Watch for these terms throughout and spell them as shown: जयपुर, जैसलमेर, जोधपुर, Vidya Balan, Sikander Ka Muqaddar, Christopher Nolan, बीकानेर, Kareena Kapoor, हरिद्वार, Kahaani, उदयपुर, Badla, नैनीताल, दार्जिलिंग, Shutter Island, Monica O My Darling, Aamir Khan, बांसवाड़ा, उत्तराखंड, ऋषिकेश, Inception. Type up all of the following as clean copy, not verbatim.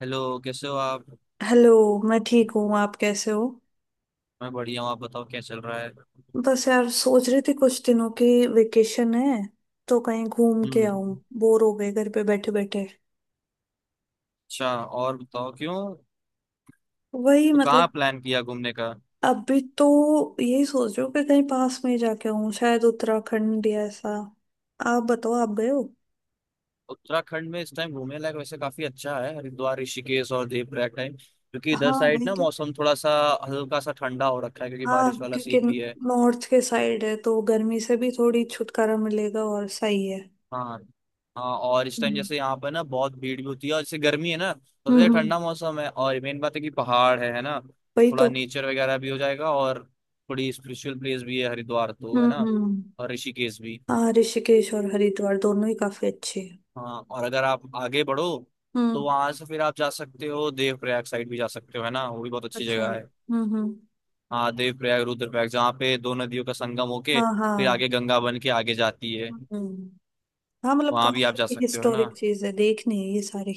Hello, कैसे हो आप? हेलो। मैं ठीक हूँ, आप कैसे हो? मैं बढ़िया हूँ। आप बताओ, क्या चल रहा है? बस यार, सोच रही थी कुछ दिनों की वेकेशन है तो कहीं घूम के आऊं। हम्म। बोर हो गए घर पे बैठे बैठे। अच्छा, और बताओ क्यों वही तो कहाँ मतलब प्लान किया घूमने का? अभी तो यही सोच रही हूँ कि कहीं पास में ही जाके आऊं, शायद उत्तराखंड या ऐसा। आप बताओ, आप गए हो? उत्तराखंड में इस टाइम घूमने लायक वैसे काफी अच्छा है। हरिद्वार, ऋषिकेश और देवप्रयाग टाइम, क्योंकि इधर हाँ, साइड वही ना तो। मौसम थोड़ा सा हल्का सा ठंडा हो रखा है क्योंकि बारिश हाँ वाला क्योंकि सीन भी है। नॉर्थ के साइड है तो गर्मी से भी थोड़ी छुटकारा मिलेगा और सही है। हाँ, हाँ और इस टाइम हम्म। जैसे यहाँ पर ना बहुत भीड़ भी होती है, और जैसे गर्मी है ना तो जैसे हम्म, ठंडा मौसम है, और मेन बात है कि पहाड़ है ना। वही थोड़ा तो। नेचर वगैरह भी हो जाएगा, और थोड़ी स्पिरिचुअल प्लेस भी है हरिद्वार तो, है हम्म। ना। हम्म। और ऋषिकेश भी। हाँ, ऋषिकेश और हरिद्वार दोनों ही काफी अच्छे हैं। हाँ, और अगर आप आगे बढ़ो तो हम्म। वहां से फिर आप जा सकते हो, देवप्रयाग साइड भी जा सकते हो, है ना। वो भी बहुत अच्छी अच्छा। जगह है। हम्म। हम्म। हाँ, देवप्रयाग, रुद्रप्रयाग जहाँ पे दो नदियों का संगम होके हाँ, फिर हाँ। आगे गंगा बन के आगे जाती है। हम्म। हाँ मतलब वहां भी आप जा काफी सकते हो, है ना। हिस्टोरिक चीज है, देखनी है ये सारी।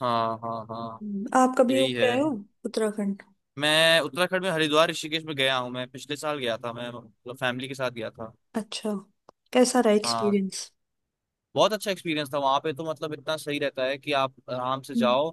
हाँ हाँ हाँ। आप कभी हो यही है। गए हो उत्तराखंड? मैं उत्तराखंड में हरिद्वार ऋषिकेश में गया हूँ। मैं पिछले साल गया था, मैं मतलब फैमिली के साथ गया था। अच्छा, कैसा रहा हाँ, एक्सपीरियंस? बहुत अच्छा एक्सपीरियंस था वहां पे। तो मतलब इतना सही रहता है कि आप आराम से हम्म। जाओ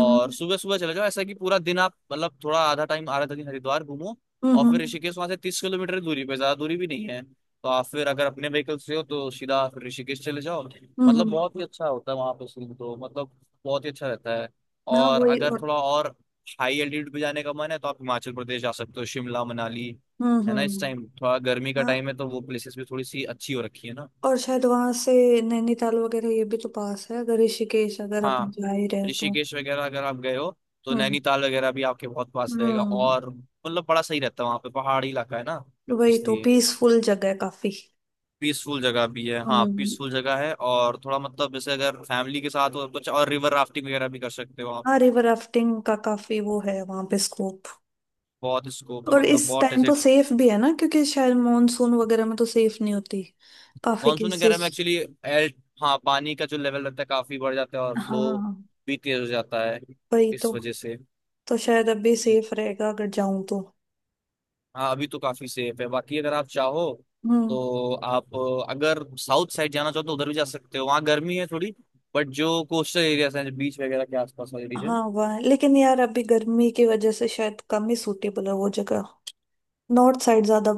और सुबह सुबह चले जाओ, ऐसा कि पूरा दिन आप मतलब थोड़ा आधा टाइम आधा दिन हरिद्वार घूमो और हम्म। फिर ऋषिकेश। वहां से 30 किलोमीटर की दूरी पे, ज्यादा दूरी भी नहीं है। तो आप फिर अगर अपने व्हीकल से हो तो सीधा फिर ऋषिकेश चले जाओ, मतलब हम्म। बहुत ही अच्छा होता है। वहां पे सीन तो मतलब बहुत ही अच्छा रहता है। हाँ और वही, अगर और। थोड़ा और हाई एल्टीट्यूड पे जाने का मन है तो आप हिमाचल प्रदेश जा सकते हो, शिमला मनाली, हम्म। है ना। इस हम्म। टाइम थोड़ा गर्मी का हाँ, टाइम है तो वो प्लेसेस भी थोड़ी सी अच्छी हो रखी है, ना। और शायद वहां से नैनीताल वगैरह ये भी तो पास है अगर ऋषिकेश अगर अपन हाँ, जा ही रहे तो। ऋषिकेश वगैरह अगर आप गए हो तो हम्म। नैनीताल वगैरह भी आपके बहुत पास रहेगा, हम्म। और मतलब बड़ा सही रहता है वहाँ पे, पहाड़ी इलाका है ना, वही तो, इसलिए पीसफुल जगह है काफी। पीसफुल जगह भी है। हाँ, हम्म। पीसफुल जगह है, और थोड़ा मतलब जैसे अगर फैमिली के साथ हो तो कुछ और रिवर राफ्टिंग वगैरह भी कर सकते हो आप। हाँ, रिवर राफ्टिंग का काफी वो है वहां पे स्कोप। बहुत स्कोप है, और मतलब इस बहुत टाइम ऐसे। तो सेफ भी है ना, क्योंकि शायद मॉनसून वगैरह में तो सेफ नहीं होती, काफी मानसून वगैरह में केसेस। एक्चुअली एल हाँ, पानी का जो लेवल रहता है काफी बढ़ जाता है, और फ्लो हाँ, भी तेज हो जाता है, वही तो। इस वजह से। तो शायद अभी सेफ रहेगा अगर जाऊं तो। हाँ, अभी तो काफी सेफ है। बाकी अगर आप चाहो हम्म। तो आप अगर साउथ साइड जाना चाहो तो उधर भी जा सकते हो। वहाँ गर्मी है थोड़ी, बट जो कोस्टल एरियाज हैं, बीच वगैरह के आसपास वाले हाँ रीजन। वह, लेकिन यार अभी गर्मी की वजह से शायद कम ही सूटेबल है वो जगह। नॉर्थ साइड ज्यादा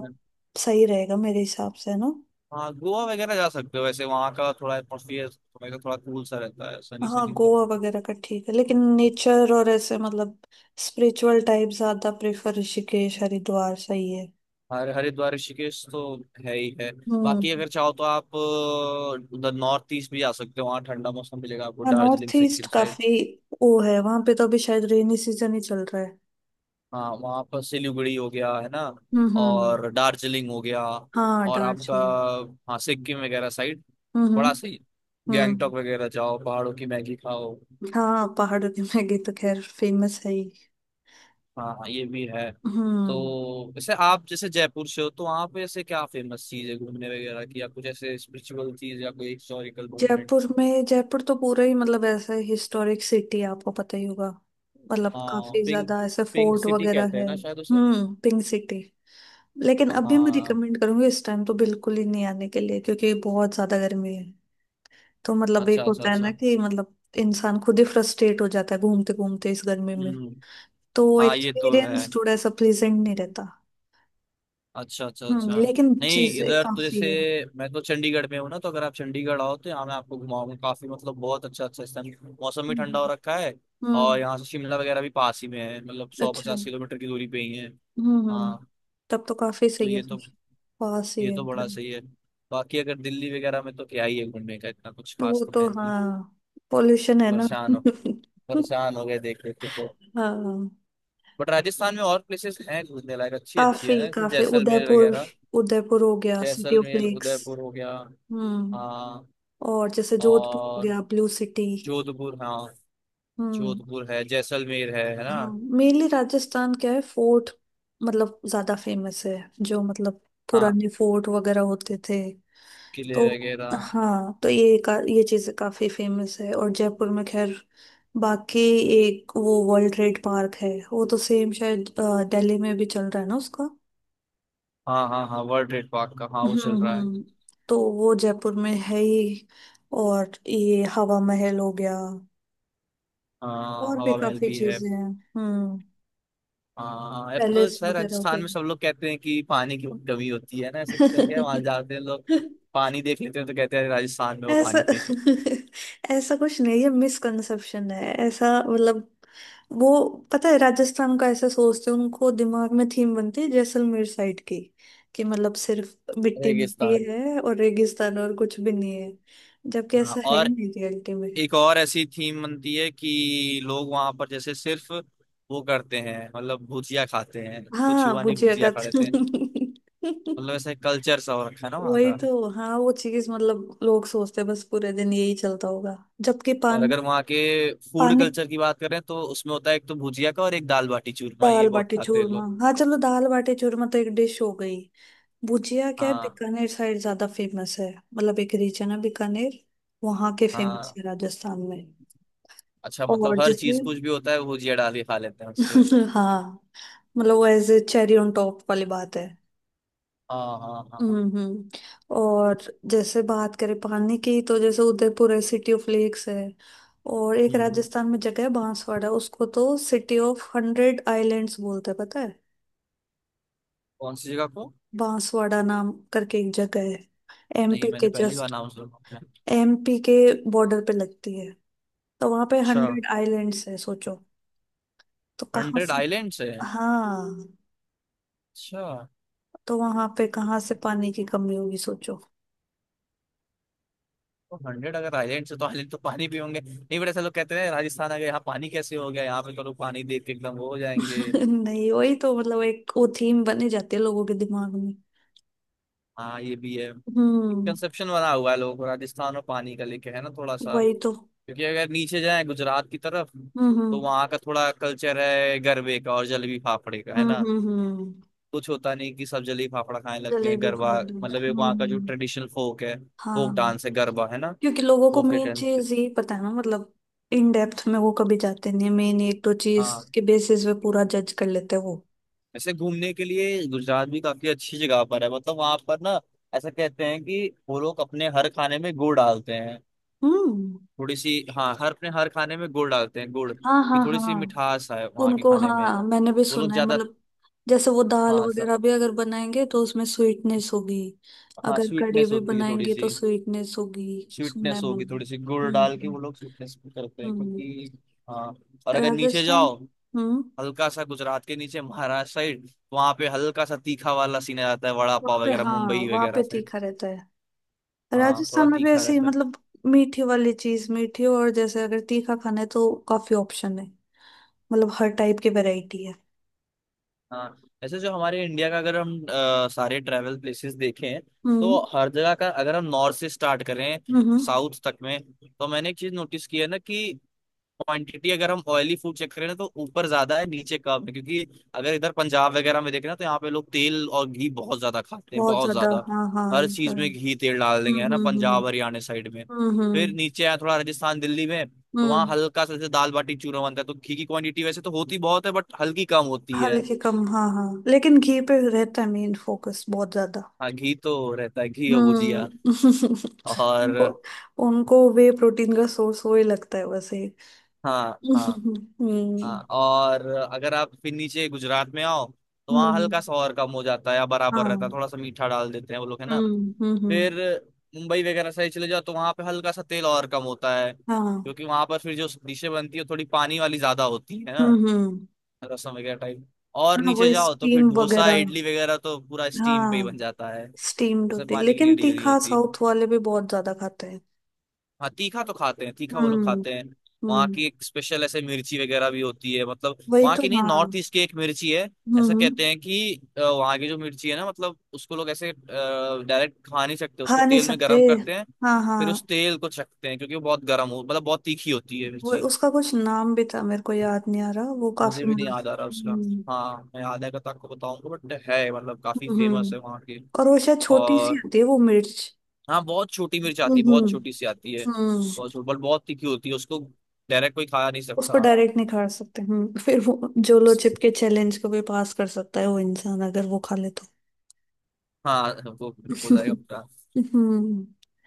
सही रहेगा मेरे हिसाब से, ना? हाँ, गोवा वगैरह जा सकते हो। वैसे वहाँ का थोड़ा एटमोसफियर थोड़ा थोड़ा कूल सा रहता है, सनी हाँ, सनी सा। गोवा वगैरह का ठीक है, लेकिन नेचर और ऐसे मतलब स्पिरिचुअल टाइप ज्यादा प्रेफर, ऋषिकेश हरिद्वार सही है। हर हरिद्वार ऋषिकेश तो है ही है। बाकी हम्म। अगर चाहो तो आप उधर नॉर्थ ईस्ट भी जा सकते हो। वहाँ ठंडा मौसम मिलेगा आपको, हाँ, दार्जिलिंग north east Sikkim side. काफी वो है, वहां पे तो अभी शायद रेनी सीजन ही चल रहा है। हाँ, वहाँ पर सिलीगुड़ी हो गया, है ना। हम्म। हम्म। और दार्जिलिंग हो गया, हाँ, और आपका, दार्जिलिंग। हाँ, सिक्किम वगैरह साइड हम्म। बड़ा हम्म। सही। हम्म। गैंगटॉक वगैरह जाओ, पहाड़ों की मैगी खाओ। हाँ, पहाड़ों की मैगी तो खैर फेमस है ही। हाँ हाँ, ये भी है। तो हम्म। वैसे आप जैसे जयपुर से हो तो वहाँ पे ऐसे क्या फेमस चीज है घूमने वगैरह की, या कुछ ऐसे स्पिरिचुअल चीज या कोई हिस्टोरिकल जयपुर मूवमेंट? में, जयपुर तो पूरा ही मतलब ऐसा हिस्टोरिक सिटी है, आपको पता ही होगा। मतलब हाँ, काफी पिंक, ज्यादा ऐसे पिंक फोर्ट सिटी वगैरह कहते हैं है। ना शायद उसे। हम्म, पिंक सिटी। लेकिन अभी मैं हाँ। रिकमेंड करूंगी इस टाइम तो बिल्कुल ही नहीं आने के लिए, क्योंकि बहुत ज्यादा गर्मी है। तो मतलब एक अच्छा अच्छा होता है ना अच्छा। कि मतलब इंसान खुद ही फ्रस्ट्रेट हो जाता है घूमते घूमते इस गर्मी में। हम्म। तो वो हाँ, ये तो है। एक्सपीरियंस थोड़ा सा प्लेजेंट नहीं रहता। अच्छा अच्छा हम्म, अच्छा। लेकिन नहीं, चीजें इधर तो काफी जैसे है। मैं तो चंडीगढ़ में हूँ ना, तो अगर आप चंडीगढ़ आओ तो यहाँ मैं आपको घुमाऊंगा काफी, मतलब बहुत अच्छा अच्छा। इस टाइम मौसम भी ठंडा हो हम्म। रखा है, और हम्म, यहाँ से शिमला वगैरह भी पास ही में है, मतलब सौ अच्छा। पचास हम्म। किलोमीटर की दूरी पे ही है। हम्म। हाँ, तब तो काफी तो सही है ये तो, फिर, पास ही है बड़ा एकदम। सही है। बाकी अगर दिल्ली वगैरह में, तो क्या ही है घूमने का, इतना कुछ खास वो तो तो है नहीं। हाँ, पोल्यूशन है ना। परेशान हो, परेशान हो गए देख देख के तो। हाँ। बट राजस्थान में और प्लेसेस हैं घूमने लायक, अच्छी अच्छी, है काफी ना, जैसे काफी, जैसलमेर उदयपुर। वगैरह। उदयपुर हो गया, city of जैसलमेर, lakes. उदयपुर हो गया। हम्म। हाँ, और जैसे जोधपुर हो और गया, ब्लू सिटी। जोधपुर, हाँ, हम्म। जोधपुर है, जैसलमेर है ना। हाँ, मेनली राजस्थान क्या है, फोर्ट मतलब ज्यादा फेमस है, जो मतलब हाँ, पुराने फोर्ट वगैरह होते थे। किले तो वगैरह। हाँ, तो ये चीज काफी फेमस है। और जयपुर में खैर बाकी, एक वो वर्ल्ड ट्रेड पार्क है, वो तो सेम शायद दिल्ली में भी चल रहा है ना उसका। हाँ हाँ हाँ, वर्ल्ड ट्रेड पार्क का हाँ, वो चल हम्म। रहा है। हम्म। तो वो जयपुर में है ही, और ये हवा महल हो गया, हाँ, और भी हवा महल काफी भी है। चीजें हैं। हम्म, हाँ, अब तो पैलेस शायद वगैरह हो राजस्थान गए। में सब लोग कहते हैं कि पानी की बहुत कमी होती है ना, सबसे क्या वहां जाते हैं लोग, पानी देख लेते हैं तो कहते हैं राजस्थान में वो ऐसा, पानी पे। ऐसा कुछ नहीं है, मिसकंसेप्शन है ऐसा। मतलब वो, पता है राजस्थान का ऐसा सोचते हैं, उनको दिमाग में थीम बनती है जैसलमेर साइड की कि मतलब सिर्फ मिट्टी मिट्टी रेगिस्तान। है और रेगिस्तान और कुछ भी नहीं है, जबकि हाँ, ऐसा है ही और नहीं रियलिटी में। एक और ऐसी थीम बनती है कि लोग वहां पर जैसे सिर्फ वो करते हैं, मतलब भुजिया खाते हैं, कुछ हाँ, हुआ नहीं बुझिया भुजिया का। खा लेते हैं, मतलब ऐसे कल्चर सा हो रखा है ना वहाँ वही का। तो, हाँ वो चीज मतलब लोग सोचते हैं बस पूरे दिन यही चलता होगा। जबकि और पान, अगर वहाँ के फूड पानी, कल्चर की बात करें, तो उसमें होता है एक तो भुजिया का, और एक दाल बाटी चूरमा, दाल ये बहुत बाटी खाते हैं चूरमा लोग। हाँ, चलो दाल बाटी चूरमा तो एक डिश हो गई। भुजिया क्या है हाँ बीकानेर साइड ज्यादा फेमस है, मतलब एक रीजन है बीकानेर, वहां के फेमस हाँ। है राजस्थान में। अच्छा, और मतलब हर जैसे, चीज, कुछ भी होता है वो भुजिया डाल के खा लेते हैं उसपे। हाँ मतलब वो as a cherry on top वाली बात है। हाँ हाँ हाँ। हम्म। हम्म। और जैसे बात करें पानी की, तो जैसे उदयपुर है, सिटी ऑफ लेक्स है। और एक हम्म। राजस्थान में जगह है बांसवाड़ा, उसको तो सिटी ऑफ हंड्रेड आइलैंड्स बोलते हैं, पता है? कौन सी जगह को? बांसवाड़ा नाम करके एक जगह है, नहीं, एमपी मैंने के पहली बार जस्ट, नाम सुना है। एमपी के बॉर्डर पे लगती है। तो वहां पे अच्छा। हंड्रेड आइलैंड्स है, सोचो। तो कहाँ हंड्रेड से, आइलैंड से है? हाँ, अच्छा। तो वहां पे कहाँ से पानी की कमी होगी, सोचो। तो हंड्रेड अगर आइलैंड से, तो आइलैंड तो पानी भी होंगे नहीं, बट ऐसा लोग कहते हैं राजस्थान आ गए, यहाँ पानी कैसे हो गया, यहाँ पे तो लोग पानी देख के एकदम वो हो जाएंगे। नहीं वही तो, मतलब एक वो थीम बनी जाती है लोगों के दिमाग में। हाँ, ये भी है, हम्म, कंसेप्शन बना हुआ है लोगों को राजस्थान और पानी का लेके, है ना थोड़ा सा। वही तो। क्योंकि अगर नीचे जाए गुजरात की तरफ, हम्म। हम्म। तो वहाँ का थोड़ा कल्चर है गरबे का और जलेबी फाफड़े का, है हम्म। ना। हम्म। कुछ होता नहीं कि सब जलेबी फाफड़ा खाने लगते हैं, जलेबी गरबा, प्रॉब्लम। मतलब एक हम्म। वहाँ का जो ट्रेडिशनल फोक है, फोक हाँ डांस है, गरबा है ना, क्योंकि लोगों को वो फिर मेन करते हैं। चीज यही पता है ना, मतलब इन डेप्थ में वो कभी जाते नहीं, मेन एक दो चीज हाँ, के बेसिस पे पूरा जज कर लेते हैं वो। वैसे घूमने के लिए गुजरात भी काफी अच्छी जगह पर है। मतलब वहां पर ना, ऐसा कहते हैं कि वो लोग अपने हर खाने में गुड़ डालते हैं, हम्म। थोड़ी सी। हाँ, हर अपने हर खाने में गुड़ डालते हैं, गुड़ हाँ की हाँ थोड़ी हाँ, सी मिठास है वहाँ के उनको खाने में। हाँ मैंने भी वो लोग सुना है, ज्यादा, मतलब जैसे वो दाल हाँ वगैरह भी अगर बनाएंगे तो उसमें स्वीटनेस होगी। हाँ अगर कड़ी स्वीटनेस भी होती है थोड़ी बनाएंगे तो सी, स्वीटनेस होगी, सुना स्वीटनेस है होगी मैंने। थोड़ी सी, गुड़ डाल के हम्म। वो लोग स्वीटनेस करते हैं, हम्म। हम्म। क्योंकि हाँ। और अगर नीचे राजस्थान। जाओ, हम्म। हल्का सा गुजरात के नीचे महाराष्ट्र साइड, वहाँ पे हल्का सा तीखा वाला सीन आ जाता है, वड़ा वहाँ पाव पे वगैरह, हाँ, मुंबई वहाँ पे वगैरह साइड। तीखा रहता है। हाँ, थोड़ा राजस्थान में भी तीखा ऐसे ही रहता है। मतलब, मीठी वाली चीज मीठी, और जैसे अगर तीखा खाना है तो काफी ऑप्शन है, मतलब हर टाइप की वैरायटी है। हाँ, ऐसे जो हमारे इंडिया का, अगर हम सारे ट्रैवल प्लेसेस देखें, तो हम्म। हर जगह का, अगर हम नॉर्थ से स्टार्ट करें हम्म। साउथ तक में, तो मैंने एक चीज नोटिस की है ना, कि क्वांटिटी अगर हम ऑयली फूड चेक करें ना, तो ऊपर ज्यादा है, नीचे कम है, क्योंकि अगर इधर पंजाब वगैरह में देखें ना, तो यहाँ पे लोग तेल और घी बहुत ज्यादा खाते हैं, बहुत बहुत ज्यादा ज्यादा। हाँ हाँ, हर ये तो चीज है। में घी तेल डाल देंगे, है हम्म। ना, हम्म। हम्म। पंजाब हरियाणा साइड में। हम्म। फिर हम्म। नीचे आया थोड़ा राजस्थान दिल्ली में, तो वहाँ हम्म, हल्का सा जैसे दाल बाटी चूरमा बनता है, तो घी की क्वांटिटी वैसे तो होती बहुत है, बट हल्की कम होती है। हल्के कम हाँ हाँ, लेकिन घी पे रहता है मेन फोकस बहुत ज्यादा। हाँ, घी तो रहता है, घी और भुजिया। हम्म। और वो- उनको वे प्रोटीन का सोर्स वही लगता है वैसे। हाँ हाँ हाँ। हम्म। और अगर आप फिर नीचे गुजरात में आओ, तो वहाँ हम्म। हल्का सा और कम हो जाता है, या बराबर रहता हाँ। है, थोड़ा सा मीठा डाल देते हैं वो लोग, है ना। हम्म। हम्म। फिर मुंबई वगैरह साइड चले जाओ, तो वहाँ पे हल्का सा तेल और कम होता है, हाँ। क्योंकि वहाँ पर फिर जो डिशें बनती है थोड़ी पानी वाली ज्यादा होती है ना, हम्म। हम्म। रसम वगैरह टाइप। और हाँ, नीचे वही जाओ, तो फिर स्टीम डोसा वगैरह, इडली वगैरह तो पूरा स्टीम पे ही बन हाँ जाता है, स्टीम्ड उसमें होते हैं। पानी की लेकिन नीड ही नहीं तीखा होती। साउथ वाले भी बहुत ज्यादा खाते हैं। हाँ, तीखा तो खाते हैं, तीखा वो लोग हम्म। खाते हैं। वहाँ हम्म। की एक स्पेशल ऐसे मिर्ची वगैरह भी होती है, मतलब वही वहाँ तो की नहीं, हाँ। नॉर्थ ईस्ट की एक मिर्ची है। ऐसा हम्म, कहते हैं कि वहाँ की जो मिर्ची है ना, मतलब उसको लोग ऐसे डायरेक्ट खा नहीं सकते, उसको खा नहीं तेल में सकते। गर्म करते हैं, हाँ हाँ, फिर उस तेल को चखते हैं, क्योंकि वो बहुत गर्म हो, मतलब बहुत तीखी होती है वो मिर्ची। उसका कुछ नाम भी था, मेरे को याद नहीं आ रहा, वो मुझे काफी भी नहीं मतलब। याद आ रहा उसका। हम्म। हाँ, मैं याद आएगा तो आपको बताऊंगा, बट है मतलब काफी फेमस हम्म। है वहाँ की। और वो शायद छोटी सी और होती है वो मिर्च। हाँ, बहुत छोटी मिर्च आती है, बहुत हम्म। छोटी सी आती है। बहुत हम्म। छोटी बट बहुत तीखी होती है, उसको डायरेक्ट कोई खा नहीं उसको सकता। डायरेक्ट नहीं खा सकते। हम्म, फिर वो जो लो चिप के चैलेंज को भी पास कर सकता है वो इंसान, अगर वो खा ले तो। हाँ, वो हो जाएगा पूरा। हम्म।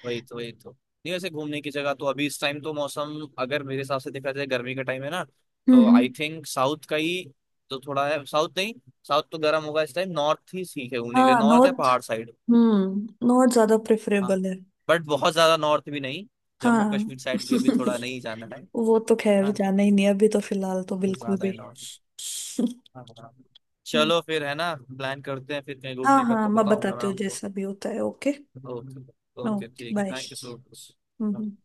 वही तो, वही तो। नहीं, वैसे घूमने की जगह तो अभी इस टाइम तो मौसम, अगर मेरे हिसाब से देखा जाए, गर्मी का टाइम है ना, तो हम्म। आई थिंक साउथ का ही, तो थोड़ा है साउथ नहीं, साउथ तो गर्म होगा इस टाइम, नॉर्थ ही ठीक है घूमने के लिए, हाँ नॉर्थ या नॉट, पहाड़ साइड। नॉट ज्यादा हाँ, प्रेफरेबल है। बट बहुत ज्यादा नॉर्थ भी नहीं, जम्मू हाँ। कश्मीर साइड भी अभी थोड़ा नहीं जाना है। वो तो खैर हाँ, जाना ही नहीं है, अभी तो फिलहाल तो कुछ बिल्कुल ज्यादा भी। है नॉर्थ। हम्म, चलो फिर, है ना, प्लान करते हैं फिर कहीं हाँ घूमने का हाँ, तो मैं बताऊंगा मैं बताती हूँ आपको। जैसा भी होता है, ओके। ओके। ओके, ओके, ठीक है, bye. Thank you so much. Hmm.